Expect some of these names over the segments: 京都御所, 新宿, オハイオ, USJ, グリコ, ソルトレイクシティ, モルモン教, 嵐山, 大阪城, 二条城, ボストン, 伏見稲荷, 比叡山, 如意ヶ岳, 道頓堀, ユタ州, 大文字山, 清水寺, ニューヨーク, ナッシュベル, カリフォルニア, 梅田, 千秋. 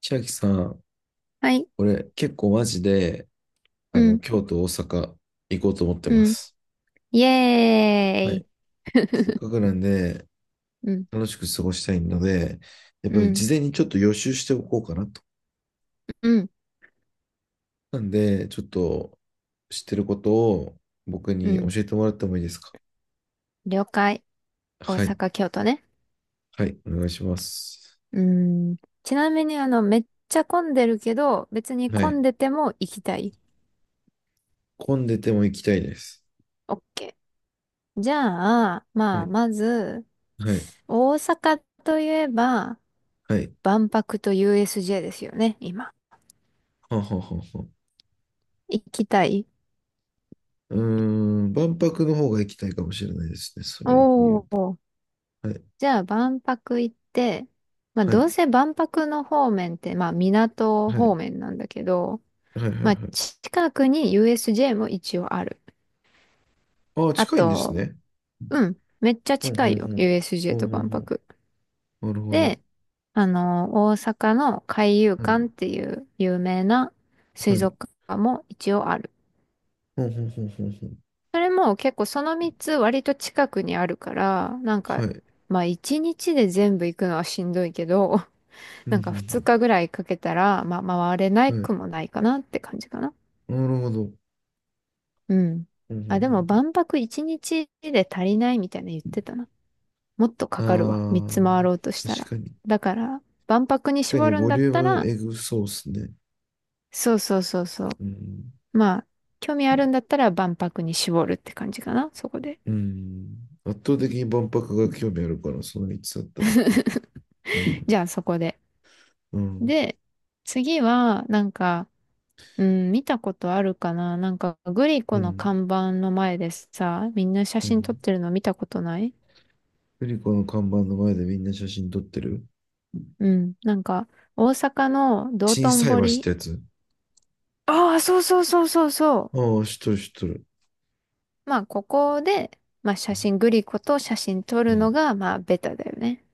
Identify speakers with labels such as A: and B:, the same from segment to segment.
A: 千秋さん、
B: はい。
A: 俺結構マジで、
B: うん、
A: 京都、大阪行こうと思ってま
B: うん。
A: す。
B: イエ
A: はい。
B: ーイ。
A: せっ かくなんで、
B: うん、
A: 楽しく過ごしたいので、やっぱ
B: う
A: り
B: ん、
A: 事前にちょっと予習しておこうかなと。
B: うん、
A: なんで、ちょっと知ってることを僕
B: う
A: に教
B: ん。
A: えてもらってもいいですか？
B: 了解。大
A: はい。
B: 阪、京都ね。
A: はい。お願いします。
B: うん。ちなみに、めっちゃ混んでるけど、別に
A: は
B: 混
A: い。
B: んでても行きたい。
A: 混んでても行きたいです。
B: オッケー。じゃあ、
A: は
B: まあ、
A: い。
B: まず、
A: はい。
B: 大阪といえば、
A: はい。
B: 万博と USJ ですよね、今。
A: はんはんはんはん。
B: 行きたい？
A: うーん、万博の方が行きたいかもしれないですね。それで言
B: お
A: う
B: ー。
A: と。はい。
B: じゃあ万博行って、まあ
A: はい。
B: どうせ万博の方面って、まあ港
A: は
B: 方
A: い。
B: 面なんだけど、
A: はいはい
B: まあ
A: はい。
B: 近くに USJ も一応ある。
A: ああ、
B: あ
A: 近いんです
B: と、
A: ね。
B: うん、めっちゃ
A: ほん
B: 近
A: ほ
B: い
A: ん
B: よ、
A: ほん。ほ
B: USJ
A: ん
B: と
A: ほ
B: 万
A: ん
B: 博。
A: ほん。なるほど。
B: で、大阪の海遊
A: はい。
B: 館っていう有名な
A: は
B: 水
A: い。
B: 族館も一応ある。
A: ほんほんほんほんほん。
B: それも結構その3つ割と近くにあるから、なん
A: は
B: か、
A: い。
B: まあ1日で全部行くのはしんどいけど、
A: うんう
B: なんか2
A: ん
B: 日ぐらいかけたら、まあ、回れない
A: うん。はい。
B: くもないかなって感じかな。
A: なるほど。
B: うん。
A: うんう
B: あ、でも
A: ん
B: 万博1日で足りないみたいな言ってたな。もっとか
A: う
B: かるわ。3つ
A: ん。あ
B: 回ろうと
A: あ、
B: したら。
A: 確かに。
B: だから、万博に
A: 確か
B: 絞
A: に
B: るん
A: ボ
B: だ
A: リ
B: っ
A: ュー
B: た
A: ム
B: ら、
A: エグそうスすね。
B: そうそうそうそう。
A: うん。
B: まあ、興味あるんだったら万博に絞るって感じかな。そこで。
A: うん。圧倒的に万博が興味あるから、その3つだったら。うん。
B: じゃあそこで。
A: うん。
B: で、次は、なんか、うん、見たことあるかな、なんか、グリ
A: う
B: コの
A: ん。
B: 看板の前でさ、みんな写
A: う
B: 真撮っ
A: ん。
B: てるの見たことない？
A: グリコの看板の前でみんな写真撮ってる。
B: うん。なんか、大阪の道
A: 小
B: 頓
A: さい橋って
B: 堀。
A: やつ。
B: ああ、そうそうそうそうそ
A: ああ、知っとる知っとる。
B: う。まあ、ここで、まあ、写真、グリコと写真撮
A: う
B: る
A: ん。
B: のが、まあ、ベタだよね。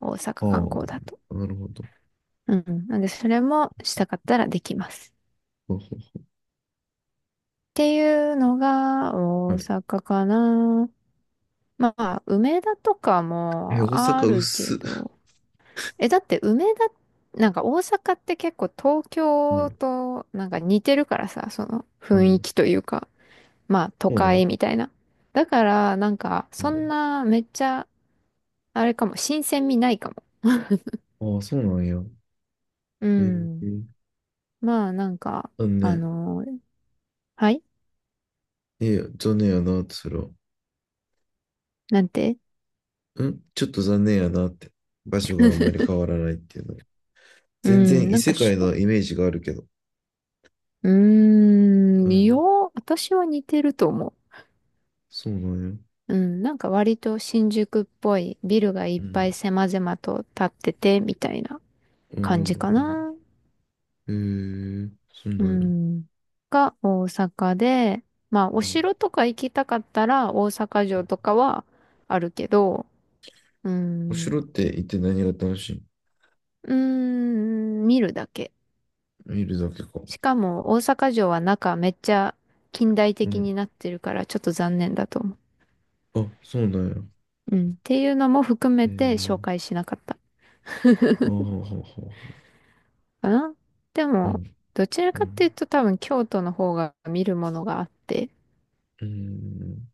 B: 大阪
A: あ
B: 観光だと。
A: あ、なるほど。
B: うん。なんで、それもしたかったらできます。
A: ほうほ
B: っていうのが、
A: う
B: 大
A: はい。
B: 阪かな。まあ、梅田とか
A: え、
B: も
A: 大
B: あ
A: 阪
B: る
A: 薄
B: け
A: っ。
B: ど。え、だって梅田、なんか大阪って結構東
A: う
B: 京
A: ん、
B: となんか似てるからさ、その
A: う
B: 雰囲
A: ん。
B: 気というか。まあ都
A: そうなん
B: 会みたいな。だからなんか
A: う
B: そん
A: ん。
B: なめっちゃあれかも、新鮮味ないかも。
A: ああ、そうなんや。
B: う
A: え
B: ん。
A: ー、
B: まあなんか、
A: 残
B: あ
A: 念。
B: のーはい。
A: いや、残念やなって、それは。
B: なんて
A: ちょっと残念やなって。場所があんまり変わらないっていうのは。
B: う
A: 全
B: ん、
A: 然異
B: なんか
A: 世
B: し
A: 界
B: ょ、
A: のイメージがあるけど。うん。
B: 私は似てると思
A: そうなんや。
B: う。うん、なんか割と新宿っぽいビルがい
A: う
B: っ
A: ん。
B: ぱい狭々と建っててみたいな
A: うん、
B: 感じか
A: うん、
B: な。
A: うん。えー、そうな
B: う
A: んや。
B: ん。が大阪で、まあお
A: うん。
B: 城とか行きたかったら大阪城とかはあるけど、うー
A: お
B: ん、う
A: 城って行って何が楽しい？
B: 見るだけ。
A: 見るだけか。
B: しかも大阪城は中めっちゃ近代
A: う
B: 的に
A: ん。
B: なってるからちょっと残念だと思
A: あ、そうなんや。
B: う。うん。っていうのも含
A: え
B: めて紹
A: ー、
B: 介しなかった
A: あはははは
B: かな。で
A: う
B: も、
A: ん、
B: どちら
A: う
B: かっていう
A: ん、
B: と多分京都の方が見るものがあって、
A: うん、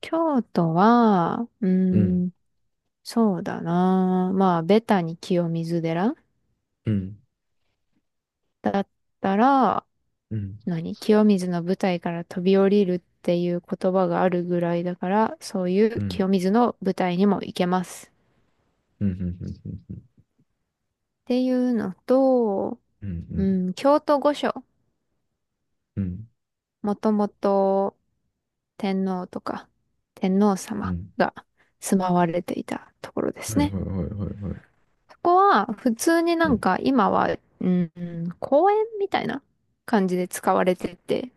B: 京都は、
A: うん、
B: そうだな。まあ、ベタに清水寺
A: うん、
B: だったら、
A: うん、うん、
B: 清水の舞台から飛び降りるっていう言葉があるぐらいだから、そういう
A: うん、
B: 清水の舞台にも行けます。
A: うん、うん、うん、
B: っていうのと、
A: う
B: う
A: ん、
B: ん、京都御所。
A: うん、
B: もともと天皇とか天皇
A: う
B: 様
A: ん
B: が住まわれていたところで
A: は
B: す
A: いはい
B: ね。
A: はいはいはい
B: そこは普通にな
A: は
B: ん
A: い、
B: か今は、うん、公園みたいな感じで使われてて、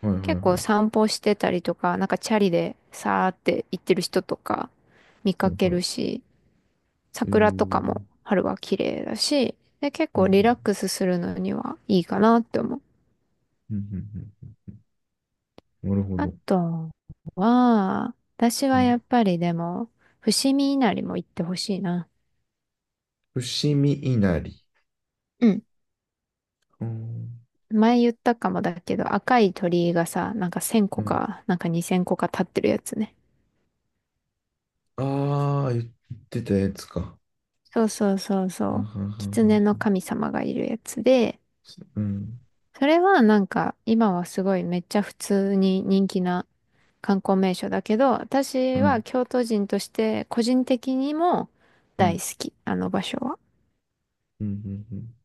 A: はいはいは
B: 結
A: い
B: 構
A: は
B: 散歩してたりとか、なんかチャリでさーって行ってる人とか見
A: い
B: かけ
A: は
B: る
A: い、
B: し、
A: え
B: 桜とか
A: ー、
B: も春は綺麗だし、で、結
A: うん、う
B: 構
A: ん、
B: リラックスするのにはいいかなって思う。
A: うん、うん、なるほ
B: あ
A: ど。
B: とは、私
A: う
B: は
A: ん、
B: やっぱりでも、伏見稲荷も行ってほしいな。
A: 伏見稲荷。
B: うん。
A: うん、
B: 前言ったかもだけど、赤い鳥居がさ、なんか1000
A: う
B: 個
A: ん。
B: か、なんか2000個か立ってるやつね。
A: ああ、言ってたやつか。
B: そうそうそう
A: あ
B: そ
A: は
B: う。
A: ははは。
B: 狐の神様がいるやつで、
A: うん、
B: それはなんか今はすごいめっちゃ普通に人気な観光名所だけど、
A: う
B: 私は
A: ん、
B: 京都人として個人的にも
A: うん、う
B: 大
A: ん、
B: 好き、あの場所は。
A: うん、うん。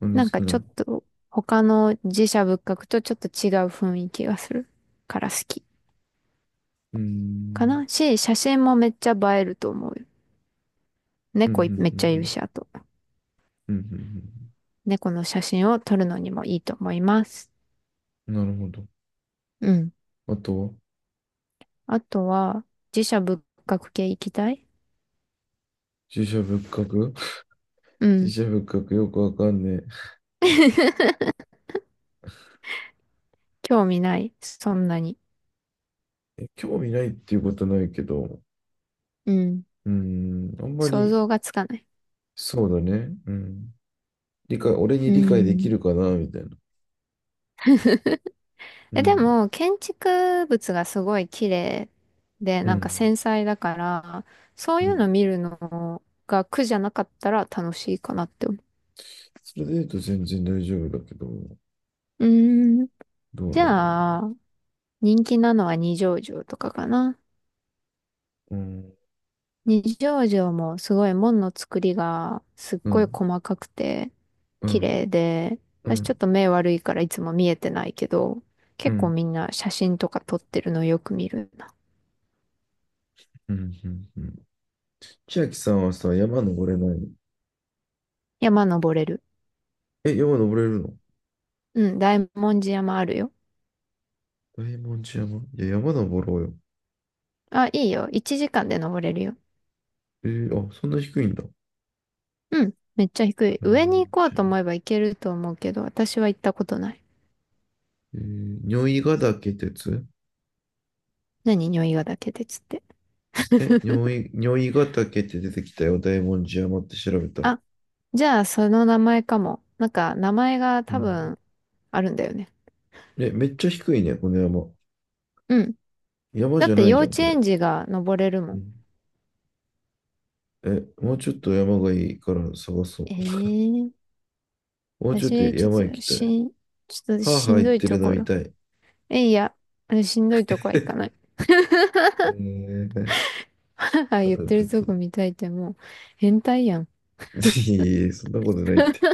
A: なん
B: な
A: で
B: ん
A: 好き
B: かちょ
A: な？
B: っと他の寺社仏閣とちょっと違う雰囲気がするから好き
A: う
B: か
A: ん、
B: なし、写真もめっちゃ映えると思うよ。
A: うん、う
B: 猫
A: ん、
B: いめっ
A: う
B: ちゃいる
A: ん、
B: し、あと。
A: うん、うん、
B: 猫の写真を撮るのにもいいと思います。
A: うん。なるほど。
B: うん。
A: あと、
B: あとは寺社仏閣系行きたい？
A: 自社仏閣
B: う
A: 自
B: ん。
A: 社仏閣よくわかんね
B: 興味ない。そんなに。
A: え。え、興味ないっていうことないけど、
B: うん。
A: うん、あんま
B: 想
A: り、
B: 像がつかない。
A: そうだね。うん。理解、俺に
B: う
A: 理解でき
B: ん。
A: るかな、みたいな。う
B: え、で
A: ん、
B: も、建築物がすごい綺麗で、
A: う
B: なんか
A: ん、
B: 繊細だから、そう
A: う
B: いうの
A: ん。
B: 見るのが苦じゃなかったら楽しいかなって思
A: それで言うと全然大丈夫だけど、
B: う。うーん。
A: どう
B: じ
A: なんだろ
B: ゃあ、人気なのは二条城とかかな。
A: うな。うん、
B: 二条城もすごい門の作りがすっ
A: う
B: ごい
A: ん、
B: 細かくて
A: う
B: 綺
A: ん、
B: 麗で、
A: う
B: 私ちょっ
A: ん、
B: と目悪いからいつも見えてないけど、
A: うん、
B: 結
A: う
B: 構
A: ん、
B: みんな写真とか撮ってるのよく見るな。
A: うんうん。千秋さんはさ、山登れないの？
B: 山登れる。
A: え、山登れるの？
B: うん、大文字山あるよ。
A: 大文字山、いや、山登ろうよ。
B: あ、いいよ。1時間で登れるよ。
A: えーあ、そんな低いんだ。
B: うん、めっちゃ低い。
A: え
B: 上に行こうと
A: ー、
B: 思えば行けると思うけど、私は行ったことない。
A: えー、如意ヶ岳鉄
B: 何、匂いがだけでつって。
A: え、如意ヶ岳って出てきたよ。大文字山って調べたら。
B: あ、じゃあその名前かも。なんか名前が
A: う
B: 多
A: ん。
B: 分あるんだよね。
A: え、めっちゃ低いね、この山。
B: うん。
A: 山
B: だ
A: じ
B: っ
A: ゃ
B: て
A: ない
B: 幼
A: じゃん、
B: 稚
A: これ。
B: 園児が登れるも
A: う
B: ん。
A: ん。え、もうちょっと山がいいから探そ
B: ええ。
A: う。もうちょっと
B: 私、
A: 山行きたい。は
B: ちょっと
A: あ
B: し
A: はあ
B: ん
A: 言っ
B: どい
A: て
B: と
A: るの
B: こ
A: 見
B: ろ。
A: たい。
B: え、いや、あ、しんどいとこは行か ない。
A: えー、
B: はは
A: あち
B: 言って
A: ょ
B: る
A: っ
B: と
A: と、
B: こ 見たいってもう、変態やん。
A: いえいえ、そんなことないって。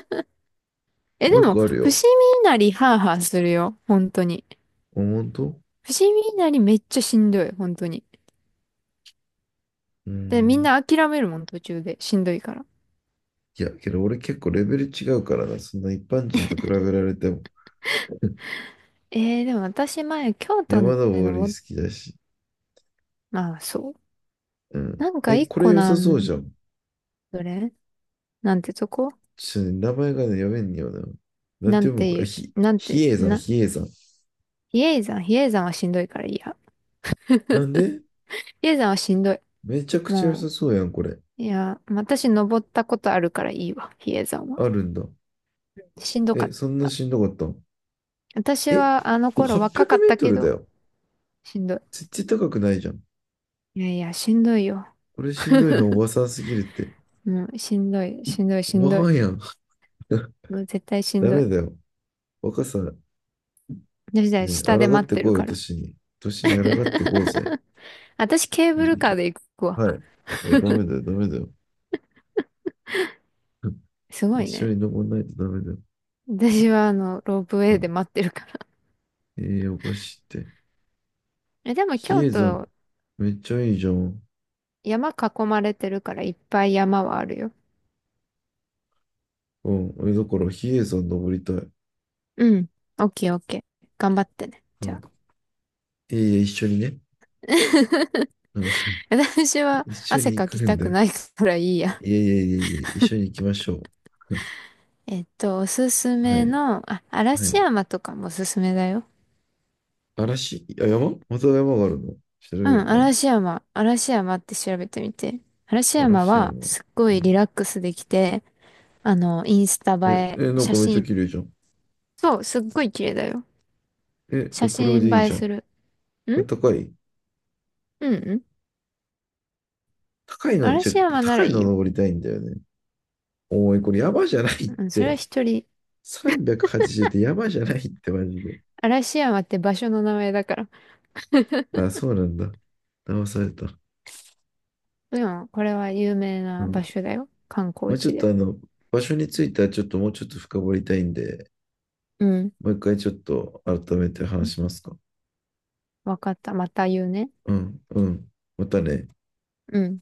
B: え、
A: も
B: で
A: う一
B: も、
A: 個ある
B: 伏見
A: よ。
B: 稲荷ハーハーするよ。本当に。
A: あ本当？
B: 伏見稲荷めっちゃしんどい。本当に。
A: うー
B: で、みん
A: ん。
B: な諦めるもん、途中で。しんどいから。
A: いや、けど俺結構レベル違うからな。そんな一般人と比べられても。
B: でも私、前、京都の
A: 山
B: 間
A: 登り好
B: も、
A: きだし。
B: まあ、そう。
A: うん。
B: なんか
A: え、
B: 一
A: これ
B: 個
A: 良
B: な
A: さそうじ
B: ん、
A: ゃん。
B: どれなんてとこ？
A: ちょっとね、名前がね、読めんよな。なん
B: な
A: て
B: ん
A: 読むこ
B: てい
A: れ？ひ、
B: う、なんて、
A: 比叡山、
B: な、
A: 比叡山。
B: 比叡山。比叡山はしんどいからいいや。
A: なんで？
B: 比叡山はしんどい。
A: めちゃくちゃ良
B: も
A: さそうやん、これ。
B: う、いや、私登ったことあるからいいわ、比叡山は。
A: あるんだ。
B: しんどか
A: え、
B: っ
A: そんな
B: た。
A: しんどかったん？
B: 私
A: え、
B: はあの頃
A: 800
B: 若
A: メ
B: かっ
A: ー
B: た
A: ト
B: け
A: ルだ
B: ど、
A: よ。
B: しんど
A: 絶対高くないじゃん。
B: い。いやいや、しんどいよ。
A: これしんどいのおばさんすぎるって。
B: もう、しんどい、しんどい、
A: お
B: し
A: ば
B: んどい。
A: はんやん。
B: もう絶対しん
A: ダ
B: どい。
A: メだよ。若さ、
B: 私は
A: ね、
B: 下で
A: 抗っ
B: 待っ
A: て
B: て
A: こ
B: る
A: いよ、
B: から。
A: 年に。年に抗ってこうぜ。
B: 私ケー
A: う
B: ブ
A: ん
B: ルカーで行くわ。
A: はい。はい、ダメだよ、ダメだよ。
B: す ご
A: 一
B: い
A: 緒
B: ね。
A: に登らないとダメだよ。
B: 私はロープウ
A: う
B: ェイで
A: ん。
B: 待ってるから。
A: ええおかしいって。
B: え、でも
A: 比
B: 京
A: 叡山、
B: 都、
A: めっちゃいいじゃん。
B: 山囲まれてるからいっぱい山はあるよ。
A: うん。え、だから比叡山登りたい。
B: うん。オッケーオッケー。頑張ってね。
A: う
B: じゃ
A: ん。
B: あ。
A: いえいえ、一緒にね。うん。
B: 私は
A: 一緒
B: 汗
A: に行
B: かき
A: くん
B: た
A: だ
B: く
A: よ。
B: ないからいいや。
A: いえいえいえいえ、一緒に行きましょう。
B: おすす
A: は
B: め
A: い。
B: の、あ、
A: は
B: 嵐
A: い。
B: 山とかもおすすめだよ。
A: あ、山また山があるの調べ
B: う
A: る
B: ん、
A: ね。
B: 嵐山。嵐山って調べてみて。嵐
A: 嵐
B: 山
A: 山。
B: はすっご
A: う
B: いリ
A: ん。
B: ラックスできて、インスタ
A: え、
B: 映え、
A: え、なん
B: 写
A: かめっちゃ
B: 真、
A: 綺麗じゃん。
B: そう、すっごい綺麗だよ。
A: え、
B: 写
A: こ
B: 真
A: れ
B: 映
A: でいい
B: え
A: じゃん。こ
B: する。ん、
A: れ高い？
B: うんうん。
A: 高いの、じゃ、
B: 嵐山な
A: 高
B: ら
A: い
B: いい
A: の
B: よ。
A: 登りたいんだよね。おい、これ山じゃないっ
B: うん、それ
A: て。
B: は一人。
A: 380ってやばいじゃないってマジで。
B: 嵐山って場所の名前だから。
A: あ、そうなんだ。騙された。
B: でも、これは有名
A: う
B: な場
A: ん。
B: 所だよ。観
A: ま
B: 光
A: あ、ちょ
B: 地
A: っと
B: で。
A: 場所についてはちょっともうちょっと深掘りたいんで、
B: うん。
A: もう一回ちょっと改めて話しますか？
B: わかった。また言うね。
A: うん、うん。またね。
B: うん。